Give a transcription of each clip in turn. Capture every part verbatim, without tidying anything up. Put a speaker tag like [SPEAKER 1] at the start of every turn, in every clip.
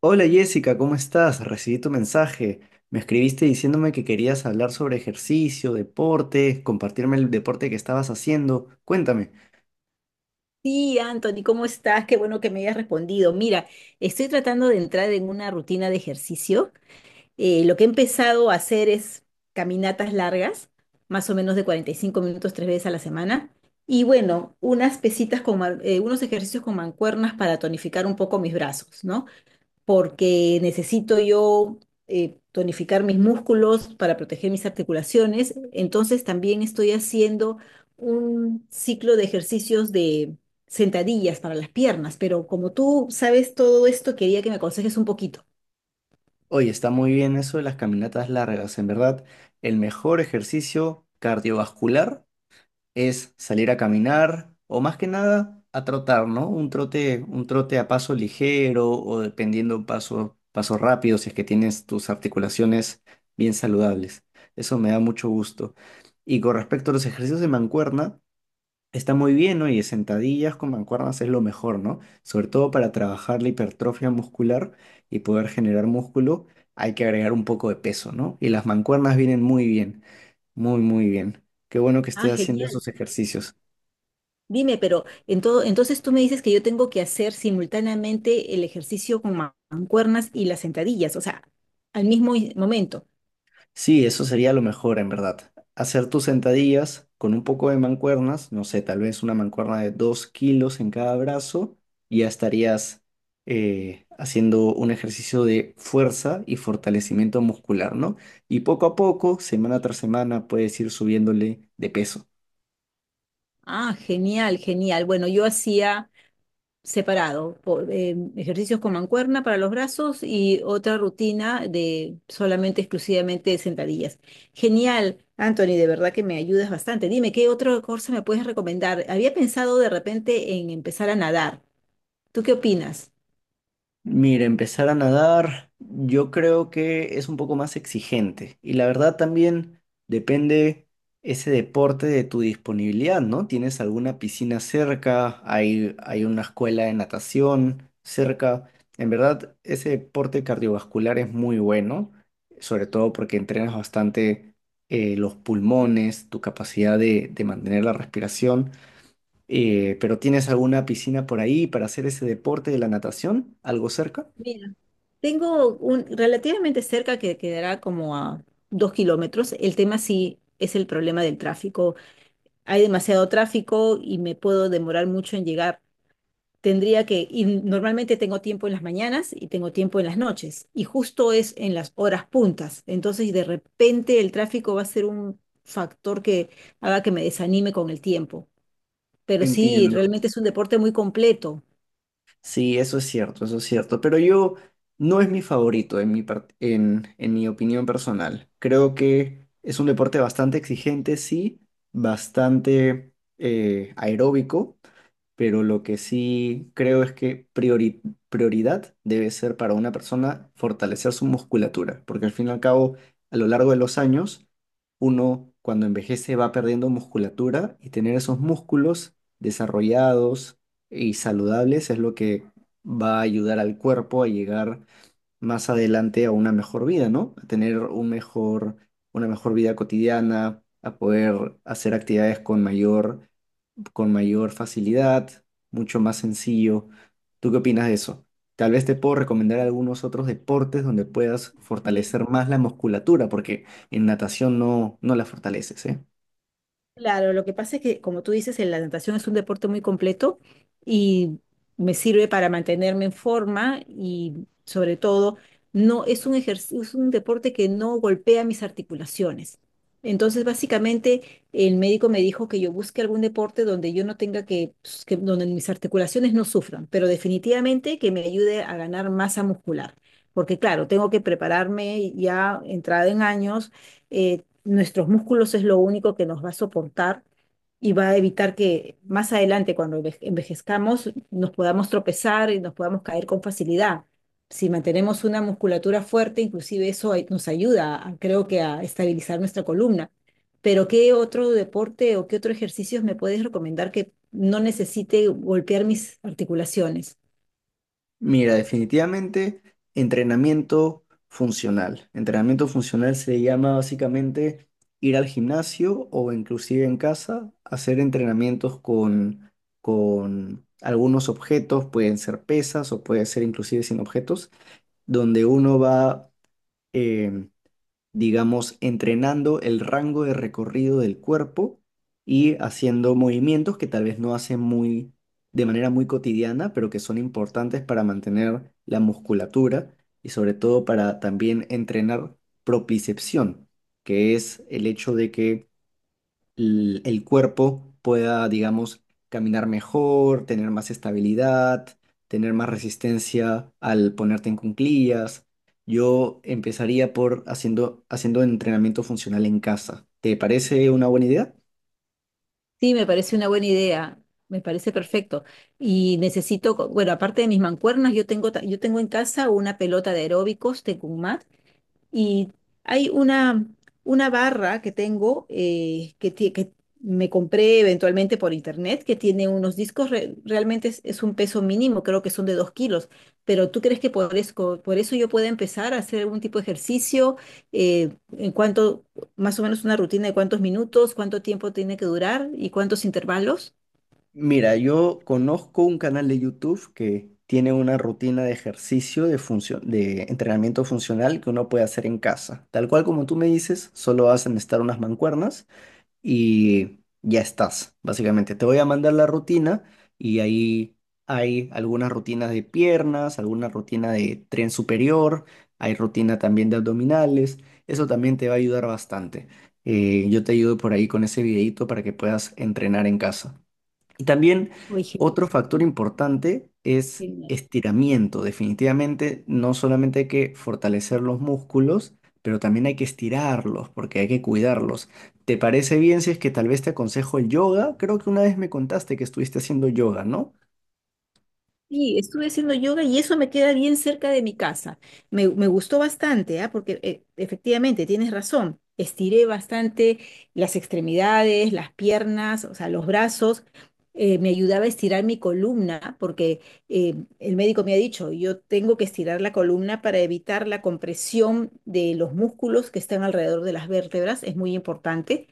[SPEAKER 1] Hola Jessica, ¿cómo estás? Recibí tu mensaje. Me escribiste diciéndome que querías hablar sobre ejercicio, deporte, compartirme el deporte que estabas haciendo. Cuéntame.
[SPEAKER 2] Sí, Anthony, ¿cómo estás? Qué bueno que me hayas respondido. Mira, estoy tratando de entrar en una rutina de ejercicio. Eh, lo que he empezado a hacer es caminatas largas, más o menos de cuarenta y cinco minutos tres veces a la semana. Y bueno, unas pesitas con, man- eh, unos ejercicios con mancuernas para tonificar un poco mis brazos, ¿no? Porque necesito yo eh, tonificar mis músculos para proteger mis articulaciones. Entonces también estoy haciendo un ciclo de ejercicios de sentadillas para las piernas, pero como tú sabes todo esto, quería que me aconsejes un poquito.
[SPEAKER 1] Oye, está muy bien eso de las caminatas largas. En verdad, el mejor ejercicio cardiovascular es salir a caminar o más que nada a trotar, ¿no? Un trote, un trote a paso ligero o dependiendo paso, paso rápido si es que tienes tus articulaciones bien saludables. Eso me da mucho gusto. Y con respecto a los ejercicios de mancuerna, está muy bien, ¿no? Y sentadillas con mancuernas es lo mejor, ¿no? Sobre todo para trabajar la hipertrofia muscular y poder generar músculo, hay que agregar un poco de peso, ¿no? Y las mancuernas vienen muy bien, muy, muy bien. Qué bueno que
[SPEAKER 2] Ah,
[SPEAKER 1] estés haciendo
[SPEAKER 2] genial.
[SPEAKER 1] esos ejercicios.
[SPEAKER 2] Dime, pero en todo- entonces tú me dices que yo tengo que hacer simultáneamente el ejercicio con ma- mancuernas y las sentadillas, o sea, al mismo i- momento.
[SPEAKER 1] Sí, eso sería lo mejor en verdad. Hacer tus sentadillas con un poco de mancuernas, no sé, tal vez una mancuerna de dos kilos en cada brazo, y ya estarías eh, haciendo un ejercicio de fuerza y fortalecimiento muscular, ¿no? Y poco a poco, semana tras semana, puedes ir subiéndole de peso.
[SPEAKER 2] Ah, genial, genial. Bueno, yo hacía separado, po- eh, ejercicios con mancuerna para los brazos y otra rutina de solamente, exclusivamente sentadillas. Genial, Anthony, de verdad que me ayudas bastante. Dime, ¿qué otra cosa me puedes recomendar? Había pensado de repente en empezar a nadar. ¿Tú qué opinas?
[SPEAKER 1] Mira, empezar a nadar, yo creo que es un poco más exigente. Y la verdad también depende ese deporte de tu disponibilidad, ¿no? ¿Tienes alguna piscina cerca? ¿Hay, hay una escuela de natación cerca? En verdad, ese deporte cardiovascular es muy bueno, sobre todo porque entrenas bastante eh, los pulmones, tu capacidad de, de mantener la respiración. Eh, pero ¿tienes alguna piscina por ahí para hacer ese deporte de la natación? ¿Algo cerca?
[SPEAKER 2] Mira, tengo un relativamente cerca que quedará como a dos kilómetros. El tema sí es el problema del tráfico. Hay demasiado tráfico y me puedo demorar mucho en llegar. Tendría que, y normalmente tengo tiempo en las mañanas y tengo tiempo en las noches, y justo es en las horas puntas. Entonces, de repente el tráfico va a ser un factor que haga que me desanime con el tiempo. Pero sí,
[SPEAKER 1] Entiendo.
[SPEAKER 2] realmente es un deporte muy completo.
[SPEAKER 1] Sí, eso es cierto, eso es cierto. Pero yo no es mi favorito en mi, par- en, en mi opinión personal. Creo que es un deporte bastante exigente, sí, bastante eh, aeróbico, pero lo que sí creo es que priori- prioridad debe ser para una persona fortalecer su musculatura, porque al fin y al cabo, a lo largo de los años, uno cuando envejece va perdiendo musculatura y tener esos músculos desarrollados y saludables es lo que va a ayudar al cuerpo a llegar más adelante a una mejor vida, ¿no? A tener un mejor, una mejor vida cotidiana, a poder hacer actividades con mayor con mayor facilidad, mucho más sencillo. ¿Tú qué opinas de eso? Tal vez te puedo recomendar algunos otros deportes donde puedas fortalecer más la musculatura, porque en natación no, no la fortaleces, ¿eh?
[SPEAKER 2] Claro, lo que pasa es que, como tú dices, el- la natación es un deporte muy completo y me sirve para mantenerme en forma y sobre todo no es un ejercicio, es un deporte que no golpea mis articulaciones. Entonces, básicamente, el médico me dijo que yo busque algún deporte donde yo no tenga que, pues, que donde mis articulaciones no sufran, pero definitivamente que me ayude a ganar masa muscular. Porque claro, tengo que prepararme ya entrada en años, eh, nuestros músculos es lo único que nos va a soportar y va a evitar que más adelante, cuando enve- envejezcamos, nos podamos tropezar y nos podamos caer con facilidad. Si mantenemos una musculatura fuerte, inclusive eso ay- nos ayuda, a- creo que, a estabilizar nuestra columna. Pero ¿qué otro deporte o qué otro ejercicio me puedes recomendar que no necesite golpear mis articulaciones?
[SPEAKER 1] Mira, definitivamente entrenamiento funcional. Entrenamiento funcional se llama básicamente ir al gimnasio o inclusive en casa, hacer entrenamientos con, con algunos objetos, pueden ser pesas o puede ser inclusive sin objetos donde uno va, eh, digamos, entrenando el rango de recorrido del cuerpo y haciendo movimientos que tal vez no hace muy, de manera muy cotidiana, pero que son importantes para mantener la musculatura y sobre todo para también entrenar propicepción, que es el hecho de que l- el cuerpo pueda, digamos, caminar mejor, tener más estabilidad, tener más resistencia al ponerte en cuclillas. Yo empezaría por haciendo, haciendo entrenamiento funcional en casa. ¿Te parece una buena idea?
[SPEAKER 2] Sí, me parece una buena idea, me parece perfecto. Y necesito, co- bueno, aparte de mis mancuernas, yo tengo, ta- yo tengo en casa una pelota de aeróbicos de mat y hay una, una barra que tengo eh, que, ti- que me compré eventualmente por internet que tiene unos discos, re- realmente es, es un peso mínimo, creo que son de dos kilos, pero ¿tú crees que por eso, por eso yo pueda empezar a hacer algún tipo de ejercicio? Eh, ¿en cuánto, más o menos una rutina de cuántos minutos, cuánto tiempo tiene que durar y cuántos intervalos?
[SPEAKER 1] Mira, yo conozco un canal de YouTube que tiene una rutina de ejercicio de funcio- de entrenamiento funcional que uno puede hacer en casa. Tal cual como tú me dices, solo hacen estar unas mancuernas y ya estás, básicamente. Te voy a mandar la rutina y ahí hay algunas rutinas de piernas, alguna rutina de tren superior, hay rutina también de abdominales. Eso también te va a ayudar bastante. Eh, yo te ayudo por ahí con ese videito para que puedas entrenar en casa. Y también
[SPEAKER 2] Oye,
[SPEAKER 1] otro factor
[SPEAKER 2] genial,
[SPEAKER 1] importante es
[SPEAKER 2] genial.
[SPEAKER 1] estiramiento. Definitivamente no solamente hay que fortalecer los músculos, pero también hay que estirarlos porque hay que cuidarlos. ¿Te parece bien si es que tal vez te aconsejo el yoga? Creo que una vez me contaste que estuviste haciendo yoga, ¿no?
[SPEAKER 2] Sí, estuve haciendo yoga y eso me queda bien cerca de mi casa. Me, me gustó bastante, ¿ah? Porque eh, efectivamente tienes razón. Estiré bastante las extremidades, las piernas, o sea, los brazos. Eh, me ayudaba a estirar mi columna porque eh, el médico me ha dicho, yo tengo que estirar la columna para evitar la compresión de los músculos que están alrededor de las vértebras. Es muy importante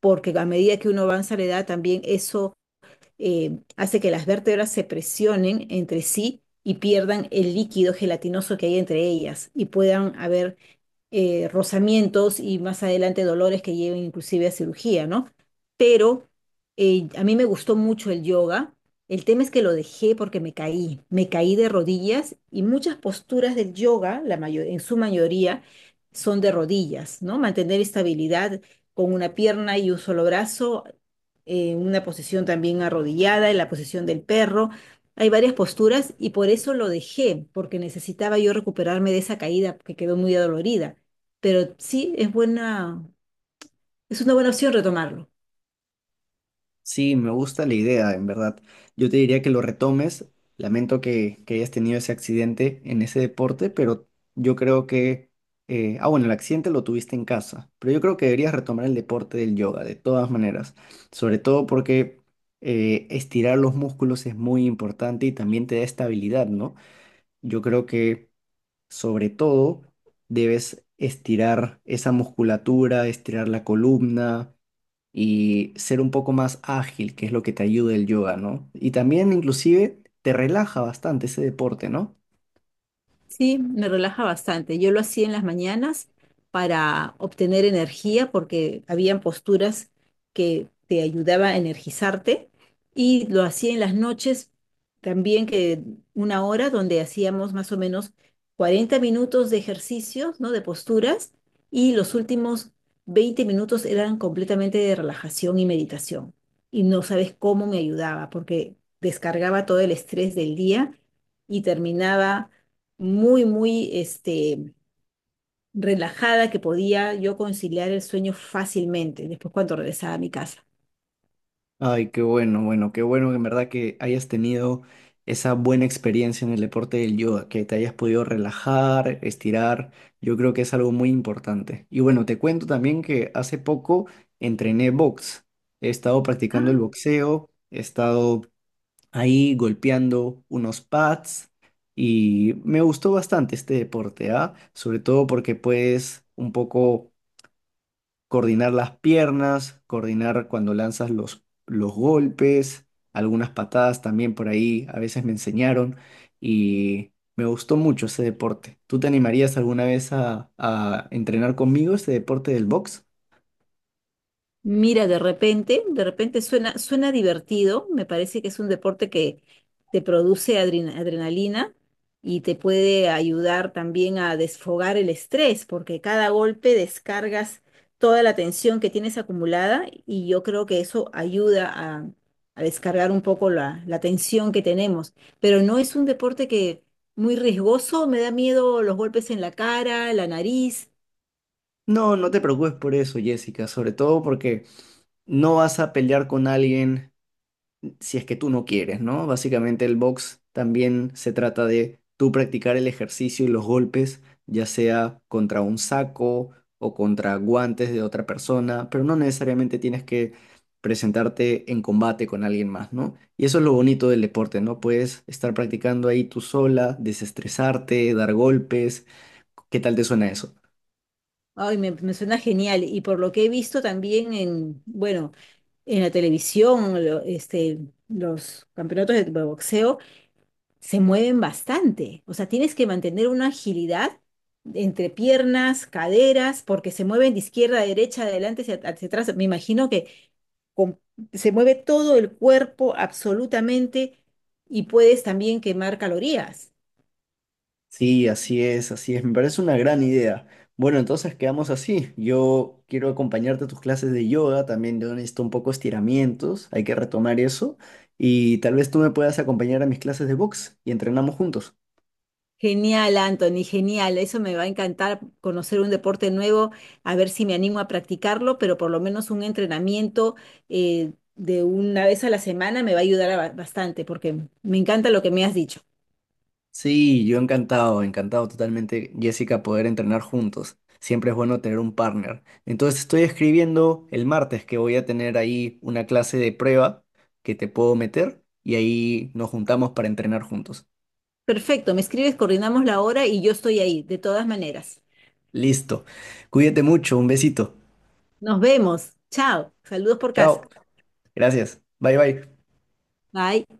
[SPEAKER 2] porque a medida que uno avanza la edad también eso eh, hace que las vértebras se presionen entre sí y pierdan el líquido gelatinoso que hay entre ellas y puedan haber eh, rozamientos y más adelante dolores que lleven inclusive a cirugía, ¿no? Pero eh, a mí me gustó mucho el yoga. El tema es que lo dejé porque me caí, me caí de rodillas y muchas posturas del yoga, la mayo- en su mayoría, son de rodillas, ¿no? Mantener estabilidad con una pierna y un solo brazo, eh, una posición también arrodillada, en la posición del perro. Hay varias posturas y por eso lo dejé, porque necesitaba yo recuperarme de esa caída que quedó muy adolorida. Pero sí, es buena, es una buena opción retomarlo.
[SPEAKER 1] Sí, me gusta la idea, en verdad. Yo te diría que lo retomes. Lamento que, que hayas tenido ese accidente en ese deporte, pero yo creo que... eh, ah, bueno, el accidente lo tuviste en casa, pero yo creo que deberías retomar el deporte del yoga, de todas maneras. Sobre todo porque eh, estirar los músculos es muy importante y también te da estabilidad, ¿no? Yo creo que sobre todo debes estirar esa musculatura, estirar la columna y ser un poco más ágil, que es lo que te ayuda el yoga, ¿no? Y también inclusive te relaja bastante ese deporte, ¿no?
[SPEAKER 2] Sí, me relaja bastante. Yo lo hacía en las mañanas para obtener energía porque habían posturas que te ayudaba a energizarte y lo hacía en las noches también, que una hora donde hacíamos más o menos cuarenta minutos de ejercicios, ¿no? De posturas, y los últimos veinte minutos eran completamente de relajación y meditación. Y no sabes cómo me ayudaba porque descargaba todo el estrés del día y terminaba muy, muy este, relajada, que podía yo conciliar el sueño fácilmente después cuando regresaba a mi casa.
[SPEAKER 1] Ay, qué bueno, bueno, qué bueno que en verdad que hayas tenido esa buena experiencia en el deporte del yoga, que te hayas podido relajar, estirar. Yo creo que es algo muy importante. Y bueno, te cuento también que hace poco entrené box. He estado practicando el boxeo, he estado ahí golpeando unos pads y me gustó bastante este deporte, ¿ah? Sobre todo porque puedes un poco coordinar las piernas, coordinar cuando lanzas los, los golpes, algunas patadas también por ahí, a veces me enseñaron y me gustó mucho ese deporte. ¿Tú te animarías alguna vez a, a entrenar conmigo este deporte del box?
[SPEAKER 2] Mira, de repente, de repente suena, suena divertido. Me parece que es un deporte que te produce adrena- adrenalina y te puede ayudar también a desfogar el estrés, porque cada golpe descargas toda la tensión que tienes acumulada y yo creo que eso ayuda a, a descargar un poco la, la tensión que tenemos. Pero no es un deporte que muy riesgoso, me da miedo los golpes en la cara, la nariz.
[SPEAKER 1] No, no te preocupes por eso, Jessica, sobre todo porque no vas a pelear con alguien si es que tú no quieres, ¿no? Básicamente el box también se trata de tú practicar el ejercicio y los golpes, ya sea contra un saco o contra guantes de otra persona, pero no necesariamente tienes que presentarte en combate con alguien más, ¿no? Y eso es lo bonito del deporte, ¿no? Puedes estar practicando ahí tú sola, desestresarte, dar golpes. ¿Qué tal te suena eso?
[SPEAKER 2] Ay, me, me suena genial. Y por lo que he visto también en, bueno, en la televisión, lo- este, los campeonatos de boxeo se mueven bastante. O sea, tienes que mantener una agilidad entre piernas, caderas, porque se mueven de izquierda a derecha, adelante hacia, hacia atrás. Me imagino que com- se mueve todo el cuerpo absolutamente y puedes también quemar calorías.
[SPEAKER 1] Sí, así es, así es. Me parece una gran idea. Bueno, entonces quedamos así. Yo quiero acompañarte a tus clases de yoga, también yo necesito un poco estiramientos, hay que retomar eso. Y tal vez tú me puedas acompañar a mis clases de box y entrenamos juntos.
[SPEAKER 2] Genial, Anthony, genial. Eso me va a encantar conocer un deporte nuevo, a ver si me animo a practicarlo, pero por lo menos un entrenamiento eh, de una vez a la semana me va a ayudar a ba- bastante porque me encanta lo que me has dicho.
[SPEAKER 1] Sí, yo encantado, encantado totalmente, Jessica, poder entrenar juntos. Siempre es bueno tener un partner. Entonces estoy escribiendo el martes que voy a tener ahí una clase de prueba que te puedo meter y ahí nos juntamos para entrenar juntos.
[SPEAKER 2] Perfecto, me escribes, coordinamos la hora y yo estoy ahí, de todas maneras.
[SPEAKER 1] Listo. Cuídate mucho. Un besito.
[SPEAKER 2] Nos vemos. Chao. Saludos por casa.
[SPEAKER 1] Chao. Gracias. Bye bye.
[SPEAKER 2] Bye.